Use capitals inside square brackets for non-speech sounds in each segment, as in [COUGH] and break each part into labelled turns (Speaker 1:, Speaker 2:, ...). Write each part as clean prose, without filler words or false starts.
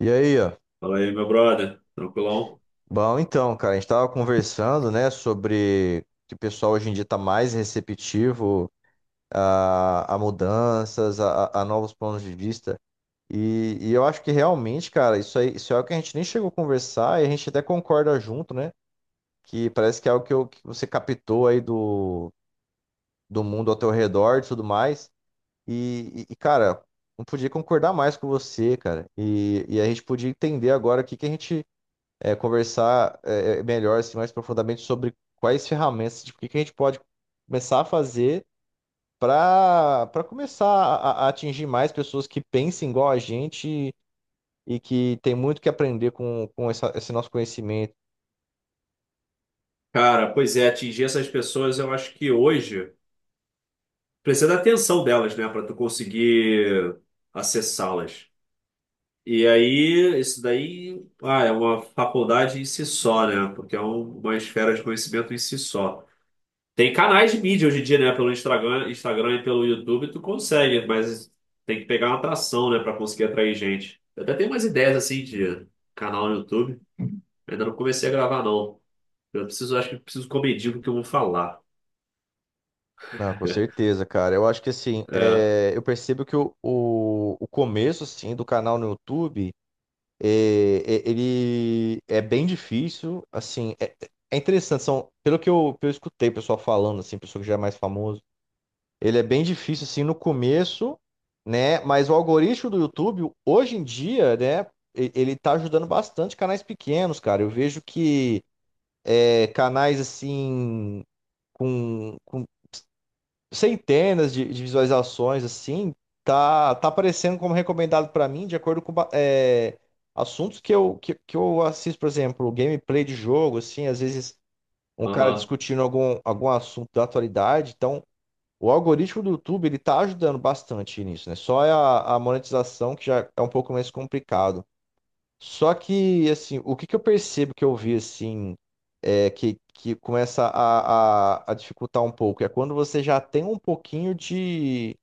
Speaker 1: E aí, ó.
Speaker 2: Fala aí, meu brother. Tranquilão?
Speaker 1: Bom, então, cara, a gente tava conversando, né, sobre que o pessoal hoje em dia tá mais receptivo a mudanças, a novos pontos de vista. E eu acho que realmente, cara, isso aí, isso é algo que a gente nem chegou a conversar e a gente até concorda junto, né? Que parece que é algo que, que você captou aí do mundo ao teu redor e tudo mais. E, cara, não podia concordar mais com você, cara. E a gente podia entender agora o que que a gente conversar é melhor, assim, mais profundamente sobre quais ferramentas, tipo, o que que a gente pode começar a fazer para começar a atingir mais pessoas que pensem igual a gente e que tem muito que aprender com esse nosso conhecimento.
Speaker 2: Cara, pois é, atingir essas pessoas, eu acho que hoje precisa da atenção delas, né, para tu conseguir acessá-las. E aí, isso daí, é uma faculdade em si só, né, porque uma esfera de conhecimento em si só. Tem canais de mídia hoje em dia, né, pelo Instagram e pelo YouTube, tu consegue, mas tem que pegar uma atração, né, para conseguir atrair gente. Eu até tenho umas ideias, assim, de canal no YouTube. Ainda não comecei a gravar, não. Acho que eu preciso commedir o que eu vou falar.
Speaker 1: Não, com
Speaker 2: [LAUGHS]
Speaker 1: certeza, cara. Eu acho que assim,
Speaker 2: É,
Speaker 1: eu percebo que o começo, assim, do canal no YouTube ele é bem difícil, assim, é interessante, são, pelo que que eu escutei o pessoal falando, assim, pessoa que já é mais famoso. Ele é bem difícil assim no começo, né? Mas o algoritmo do YouTube, hoje em dia, né? Ele tá ajudando bastante canais pequenos, cara. Eu vejo que canais assim com centenas de visualizações assim tá aparecendo como recomendado pra mim de acordo com assuntos que que eu assisto, por exemplo, gameplay de jogo, assim, às vezes um cara
Speaker 2: aham,
Speaker 1: discutindo algum assunto da atualidade. Então o algoritmo do YouTube, ele está ajudando bastante nisso, né? Só é a monetização que já é um pouco mais complicado. Só que, assim, o que que eu percebo, que eu vi, assim, é que começa a dificultar um pouco é quando você já tem um pouquinho de,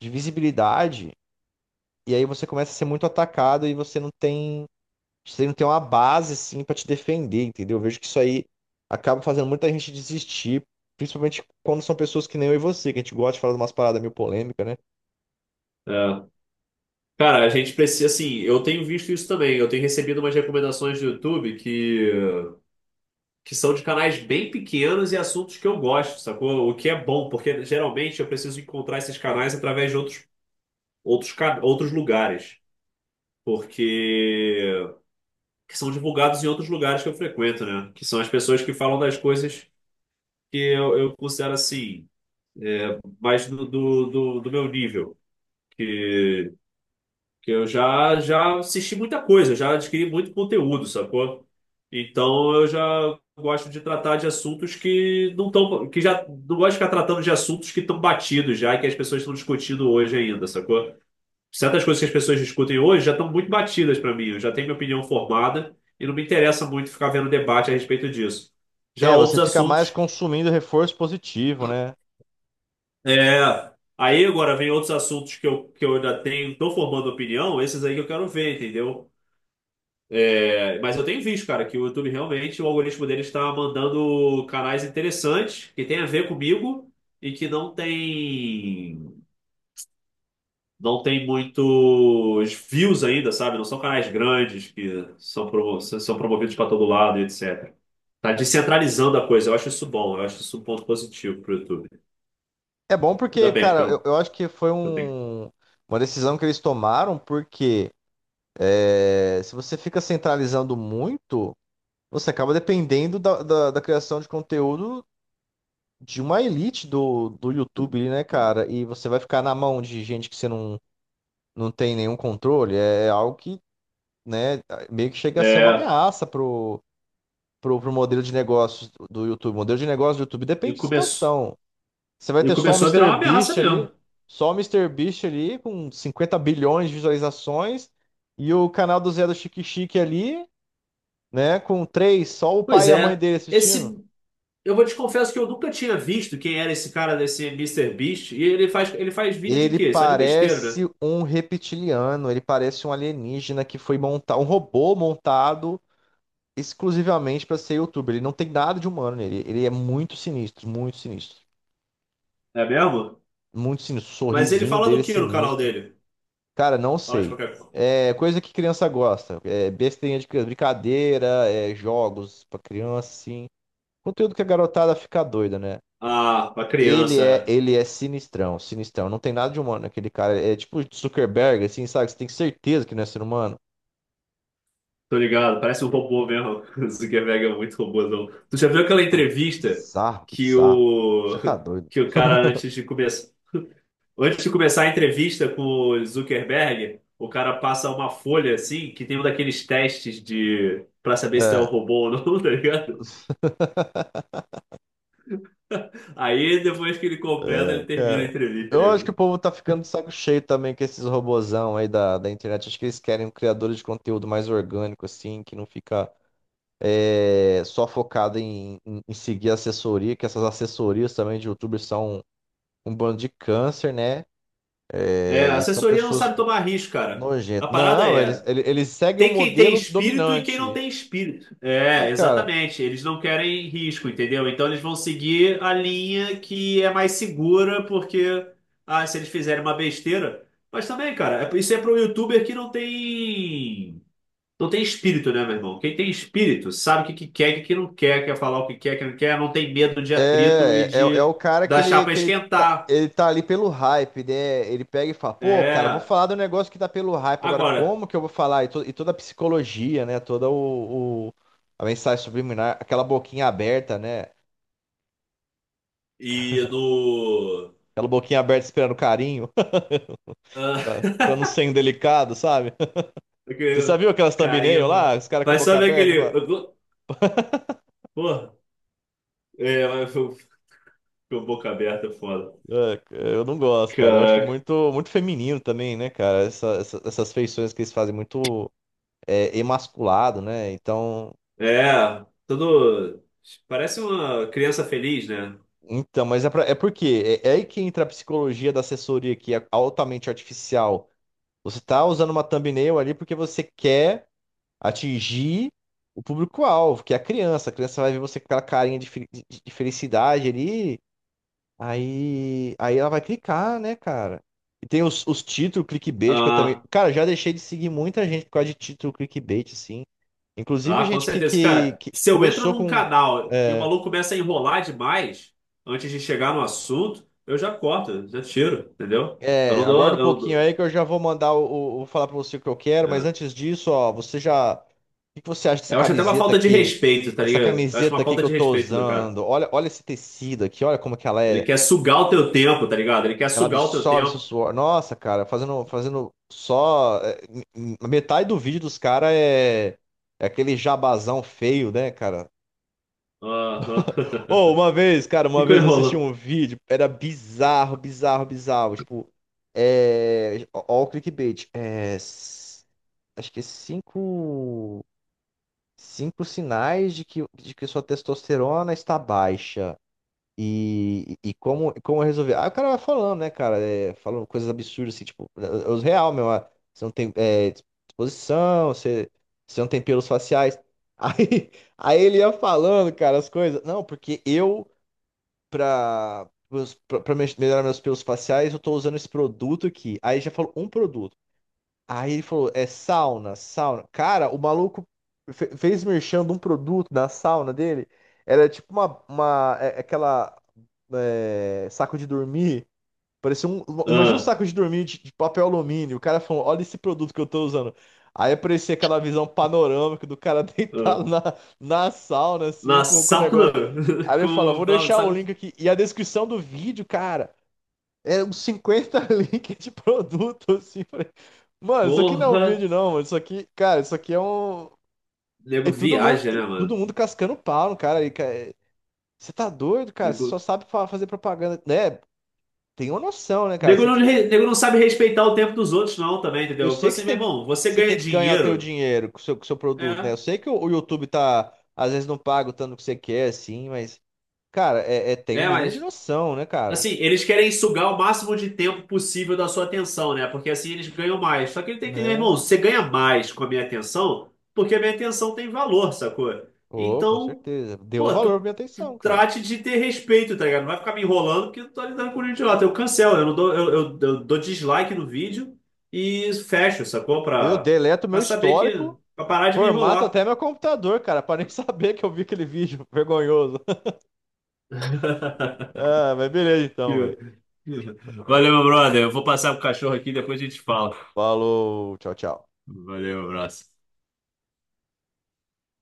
Speaker 1: de visibilidade, e aí você começa a ser muito atacado e você não tem uma base, assim, para te defender, entendeu? Eu vejo que isso aí acaba fazendo muita gente desistir, principalmente quando são pessoas que nem eu e você, que a gente gosta de falar de umas paradas meio polêmicas, né?
Speaker 2: é. Cara, a gente precisa, assim, eu tenho visto isso também. Eu tenho recebido umas recomendações do YouTube que são de canais bem pequenos e assuntos que eu gosto, sacou? O que é bom, porque geralmente eu preciso encontrar esses canais através de outros lugares. Porque que são divulgados em outros lugares que eu frequento, né? Que são as pessoas que falam das coisas que eu considero assim, mais do meu nível. Que Que eu já assisti muita coisa, já adquiri muito conteúdo, sacou? Então eu já gosto de tratar de assuntos que não estão, que já não gosto de ficar tratando de assuntos que estão batidos já, e que as pessoas estão discutindo hoje ainda, sacou? Certas coisas que as pessoas discutem hoje já estão muito batidas para mim, eu já tenho minha opinião formada e não me interessa muito ficar vendo debate a respeito disso. Já
Speaker 1: É, você
Speaker 2: outros
Speaker 1: fica
Speaker 2: assuntos,
Speaker 1: mais
Speaker 2: que-
Speaker 1: consumindo reforço positivo, né?
Speaker 2: é, aí agora vem outros assuntos que que eu ainda tenho, estou formando opinião, esses aí que eu quero ver, entendeu? É, mas eu tenho visto, cara, que o YouTube realmente, o algoritmo dele está mandando canais interessantes que tem a ver comigo e que não tem muitos views ainda, sabe? Não são canais grandes que são, são promovidos para todo lado, e etc. Tá descentralizando a coisa. Eu acho isso bom. Eu acho isso um ponto positivo pro YouTube.
Speaker 1: É bom
Speaker 2: Ainda
Speaker 1: porque,
Speaker 2: bem, porque
Speaker 1: cara, eu, eu acho que foi
Speaker 2: eu tenho.
Speaker 1: uma decisão que eles tomaram, porque se você fica centralizando muito, você acaba dependendo da criação de conteúdo de uma elite do YouTube, ali, né, cara? E você vai ficar na mão de gente que você não, não tem nenhum controle. É algo que, né, meio que chega a ser uma
Speaker 2: É,
Speaker 1: ameaça pro modelo de negócios do YouTube. O modelo de negócio do YouTube
Speaker 2: e
Speaker 1: depende de
Speaker 2: começou,
Speaker 1: expansão. Você vai
Speaker 2: e
Speaker 1: ter só o
Speaker 2: começou a virar
Speaker 1: Mister
Speaker 2: uma ameaça
Speaker 1: Beast ali,
Speaker 2: mesmo.
Speaker 1: só o Mister Beast ali com 50 bilhões de visualizações, e o canal do Zé do Chique Chique ali, né, com três, só o
Speaker 2: Pois
Speaker 1: pai e a mãe
Speaker 2: é.
Speaker 1: dele assistindo.
Speaker 2: Esse Eu vou te confesso que eu nunca tinha visto quem era esse cara desse Mister Beast. E ele faz vídeo de
Speaker 1: Ele
Speaker 2: quê? Só de besteira, né?
Speaker 1: parece um reptiliano, ele parece um alienígena que foi montar um robô montado exclusivamente para ser youtuber. Ele não tem nada de humano nele, ele é muito sinistro, muito sinistro.
Speaker 2: É mesmo?
Speaker 1: Muito sinistro, o
Speaker 2: Mas ele
Speaker 1: sorrisinho
Speaker 2: fala
Speaker 1: dele
Speaker 2: do
Speaker 1: é
Speaker 2: que no canal
Speaker 1: sinistro.
Speaker 2: dele?
Speaker 1: Cara, não
Speaker 2: Fala de
Speaker 1: sei.
Speaker 2: qualquer coisa.
Speaker 1: É coisa que criança gosta. É besteirinha de criança, brincadeira, é jogos pra criança, assim. Conteúdo que a garotada fica doida, né?
Speaker 2: Ah, pra
Speaker 1: Ele é,
Speaker 2: criança.
Speaker 1: ele é sinistrão, sinistrão. Não tem nada de humano naquele cara. É tipo Zuckerberg, assim, sabe? Você tem certeza que não é ser humano?
Speaker 2: Tô ligado. Parece um robô mesmo. [LAUGHS] O Zuckerberg é muito robôzão. Tu já viu aquela
Speaker 1: Não,
Speaker 2: entrevista
Speaker 1: bizarro,
Speaker 2: que
Speaker 1: bizarro.
Speaker 2: o,
Speaker 1: Você tá
Speaker 2: [LAUGHS]
Speaker 1: doido.
Speaker 2: que o cara, antes de começar a entrevista com o Zuckerberg, o cara passa uma folha assim, que tem um daqueles testes de, pra saber se tu é um
Speaker 1: É,
Speaker 2: robô ou não, [LAUGHS] tá ligado? Aí depois que ele
Speaker 1: [LAUGHS]
Speaker 2: completa,
Speaker 1: é,
Speaker 2: ele termina a
Speaker 1: cara.
Speaker 2: entrevista.
Speaker 1: Eu
Speaker 2: Aí,
Speaker 1: acho que o
Speaker 2: mano.
Speaker 1: povo tá ficando de saco cheio também com esses robozão aí da internet. Acho que eles querem um criador de conteúdo mais orgânico, assim, que não fica só focado em seguir assessoria, que essas assessorias também de youtubers são um bando de câncer, né?
Speaker 2: É,
Speaker 1: É,
Speaker 2: a
Speaker 1: eles são
Speaker 2: assessoria não
Speaker 1: pessoas
Speaker 2: sabe tomar risco, cara. A
Speaker 1: nojentas.
Speaker 2: parada
Speaker 1: Não,
Speaker 2: é,
Speaker 1: eles seguem um
Speaker 2: tem quem tem
Speaker 1: modelo
Speaker 2: espírito e quem não
Speaker 1: dominante.
Speaker 2: tem espírito.
Speaker 1: É,
Speaker 2: É,
Speaker 1: cara,
Speaker 2: exatamente. Eles não querem risco, entendeu? Então eles vão seguir a linha que é mais segura, porque ah, se eles fizerem uma besteira. Mas também, cara, isso é para um youtuber que Não tem espírito, né, meu irmão? Quem tem espírito sabe o que que quer, o que que não quer, quer falar o que quer, o que não quer, não tem medo de atrito e
Speaker 1: é
Speaker 2: de
Speaker 1: o cara que
Speaker 2: da
Speaker 1: ele,
Speaker 2: chapa
Speaker 1: que ele tá,
Speaker 2: esquentar.
Speaker 1: ele tá ali pelo hype, né? Ele pega e fala, pô, cara, vou
Speaker 2: É.
Speaker 1: falar do negócio que tá pelo hype. Agora,
Speaker 2: Agora,
Speaker 1: como que eu vou falar? E toda a psicologia, né? Toda a mensagem subliminar, aquela boquinha aberta, né?
Speaker 2: e no.
Speaker 1: Aquela boquinha aberta esperando carinho.
Speaker 2: Ah,
Speaker 1: Pra não ser
Speaker 2: [LAUGHS]
Speaker 1: indelicado, sabe? [LAUGHS] Você já
Speaker 2: aquele
Speaker 1: viu aquelas thumbnail lá?
Speaker 2: carinho.
Speaker 1: Os caras com a
Speaker 2: Vai só
Speaker 1: boca
Speaker 2: ver
Speaker 1: aberta?
Speaker 2: aquele.
Speaker 1: Pra.
Speaker 2: Porra. É, mas foi- ficou boca aberta, é foda.
Speaker 1: É, eu não gosto, cara. Eu acho
Speaker 2: Caraca.
Speaker 1: muito, muito feminino também, né, cara? Essas feições que eles fazem, muito emasculado, né? Então,
Speaker 2: É, tudo. Parece uma criança feliz, né?
Speaker 1: então, mas é porque é aí que entra a psicologia da assessoria, que é altamente artificial. Você tá usando uma thumbnail ali porque você quer atingir o público-alvo, que é a criança. A criança vai ver você com aquela carinha de, de felicidade ali. Aí, ela vai clicar, né, cara? E tem os títulos clickbait, que eu também.
Speaker 2: Ah,
Speaker 1: Cara, já deixei de seguir muita gente por causa de título clickbait, assim. Inclusive,
Speaker 2: Ah, com
Speaker 1: gente que,
Speaker 2: certeza.
Speaker 1: que,
Speaker 2: Cara,
Speaker 1: que
Speaker 2: se eu entro
Speaker 1: começou
Speaker 2: num
Speaker 1: com.
Speaker 2: canal e o
Speaker 1: É,
Speaker 2: maluco começa a enrolar demais antes de chegar no assunto, eu já corto, já tiro, entendeu? Eu não dou.
Speaker 1: Aguarda um pouquinho aí que eu já vou mandar vou falar pra você o que eu quero, mas
Speaker 2: É.
Speaker 1: antes disso, ó, você já. O que que você acha dessa
Speaker 2: Eu acho até uma
Speaker 1: camiseta
Speaker 2: falta de
Speaker 1: aqui?
Speaker 2: respeito, tá
Speaker 1: Essa
Speaker 2: ligado? Eu acho
Speaker 1: camiseta
Speaker 2: uma
Speaker 1: aqui
Speaker 2: falta
Speaker 1: que eu
Speaker 2: de
Speaker 1: tô
Speaker 2: respeito do cara.
Speaker 1: usando? Olha, olha esse tecido aqui, olha como que ela
Speaker 2: Ele
Speaker 1: é.
Speaker 2: quer sugar o teu tempo, tá ligado? Ele quer
Speaker 1: Ela
Speaker 2: sugar o teu
Speaker 1: absorve seu
Speaker 2: tempo.
Speaker 1: suor. Nossa, cara, fazendo, fazendo só. Metade do vídeo dos caras é, aquele jabazão feio, né, cara?
Speaker 2: Aham. [LAUGHS]
Speaker 1: Ou uma vez, cara, uma
Speaker 2: Ficou
Speaker 1: vez eu assisti
Speaker 2: enrolando.
Speaker 1: um vídeo, era bizarro, bizarro, bizarro. Tipo, é. Ó, o clickbait. É. Acho que é cinco. Cinco sinais de que sua testosterona está baixa. E como eu resolvi? Ah, o cara vai falando, né, cara? Falando coisas absurdas, assim, tipo, é os real, meu. Você não tem disposição, você não tem pelos faciais. Aí, [LAUGHS] aí ele ia falando, cara, as coisas. Não, porque eu, pra, pros- pra, pra me- melhorar meus pelos faciais, eu tô usando esse produto aqui. Aí já falou um produto. Aí ele falou, é sauna, sauna. Cara, o maluco fez merchan de um produto na sauna dele. Era tipo uma é- aquela é, saco de dormir. Imagina um
Speaker 2: Ah,
Speaker 1: saco de dormir de papel alumínio. O cara falou, olha esse produto que eu tô usando. Aí aparecia aquela visão panorâmica do cara [LAUGHS]
Speaker 2: ah.
Speaker 1: deitado na sauna, assim,
Speaker 2: Na
Speaker 1: com o
Speaker 2: sauna.
Speaker 1: negócio.
Speaker 2: [LAUGHS]
Speaker 1: Aí ele fala,
Speaker 2: Com
Speaker 1: vou
Speaker 2: o
Speaker 1: deixar o link
Speaker 2: saco.
Speaker 1: aqui. E a descrição do vídeo, cara. Era uns 50 [LAUGHS] links de produto, assim. Falei, mano, isso aqui não é um
Speaker 2: Porra.
Speaker 1: vídeo, não, mano. Isso aqui, cara, isso aqui é um.
Speaker 2: Nego viaja,
Speaker 1: É
Speaker 2: né,
Speaker 1: todo
Speaker 2: mano?
Speaker 1: mundo cascando pau no cara aí, cara. Você tá doido, cara? Você só sabe fazer propaganda, né? Tem uma noção, né, cara? Eu sei que você tem que,
Speaker 2: Nego não sabe respeitar o tempo dos outros, não, também,
Speaker 1: eu
Speaker 2: entendeu? Pô,
Speaker 1: sei que, você
Speaker 2: assim, meu
Speaker 1: tem que,
Speaker 2: irmão, você
Speaker 1: que você
Speaker 2: ganha
Speaker 1: tem que ganhar o teu
Speaker 2: dinheiro.
Speaker 1: dinheiro com o seu produto, né? Eu
Speaker 2: É.
Speaker 1: sei que o YouTube tá, às vezes, não paga o tanto que você quer, assim, mas, cara, tem um
Speaker 2: É,
Speaker 1: mínimo de
Speaker 2: mas
Speaker 1: noção, né, cara?
Speaker 2: Assim, eles querem sugar o máximo de tempo possível da sua atenção, né? Porque assim eles ganham mais. Só que ele tem que entender, irmão,
Speaker 1: Né?
Speaker 2: você ganha mais com a minha atenção, porque a minha atenção tem valor, sacou?
Speaker 1: Ô, com
Speaker 2: Então,
Speaker 1: certeza. Deu
Speaker 2: pô,
Speaker 1: valor pra minha
Speaker 2: tu
Speaker 1: atenção, cara.
Speaker 2: trate de ter respeito, tá ligado? Não vai ficar me enrolando porque eu tô lidando com o idiota. Eu cancelo, eu não dou, eu dou dislike no vídeo e fecho, sacou?
Speaker 1: Eu deleto
Speaker 2: Pra
Speaker 1: meu
Speaker 2: saber que.
Speaker 1: histórico,
Speaker 2: Pra parar de me
Speaker 1: formato
Speaker 2: enrolar.
Speaker 1: até meu computador, cara, pra nem [LAUGHS] saber que eu vi aquele vídeo vergonhoso. [LAUGHS] Ah, mas beleza então, velho.
Speaker 2: [LAUGHS] Valeu, meu brother. Eu vou passar pro cachorro aqui, depois a gente fala.
Speaker 1: Falou, tchau, tchau.
Speaker 2: Valeu, abraço.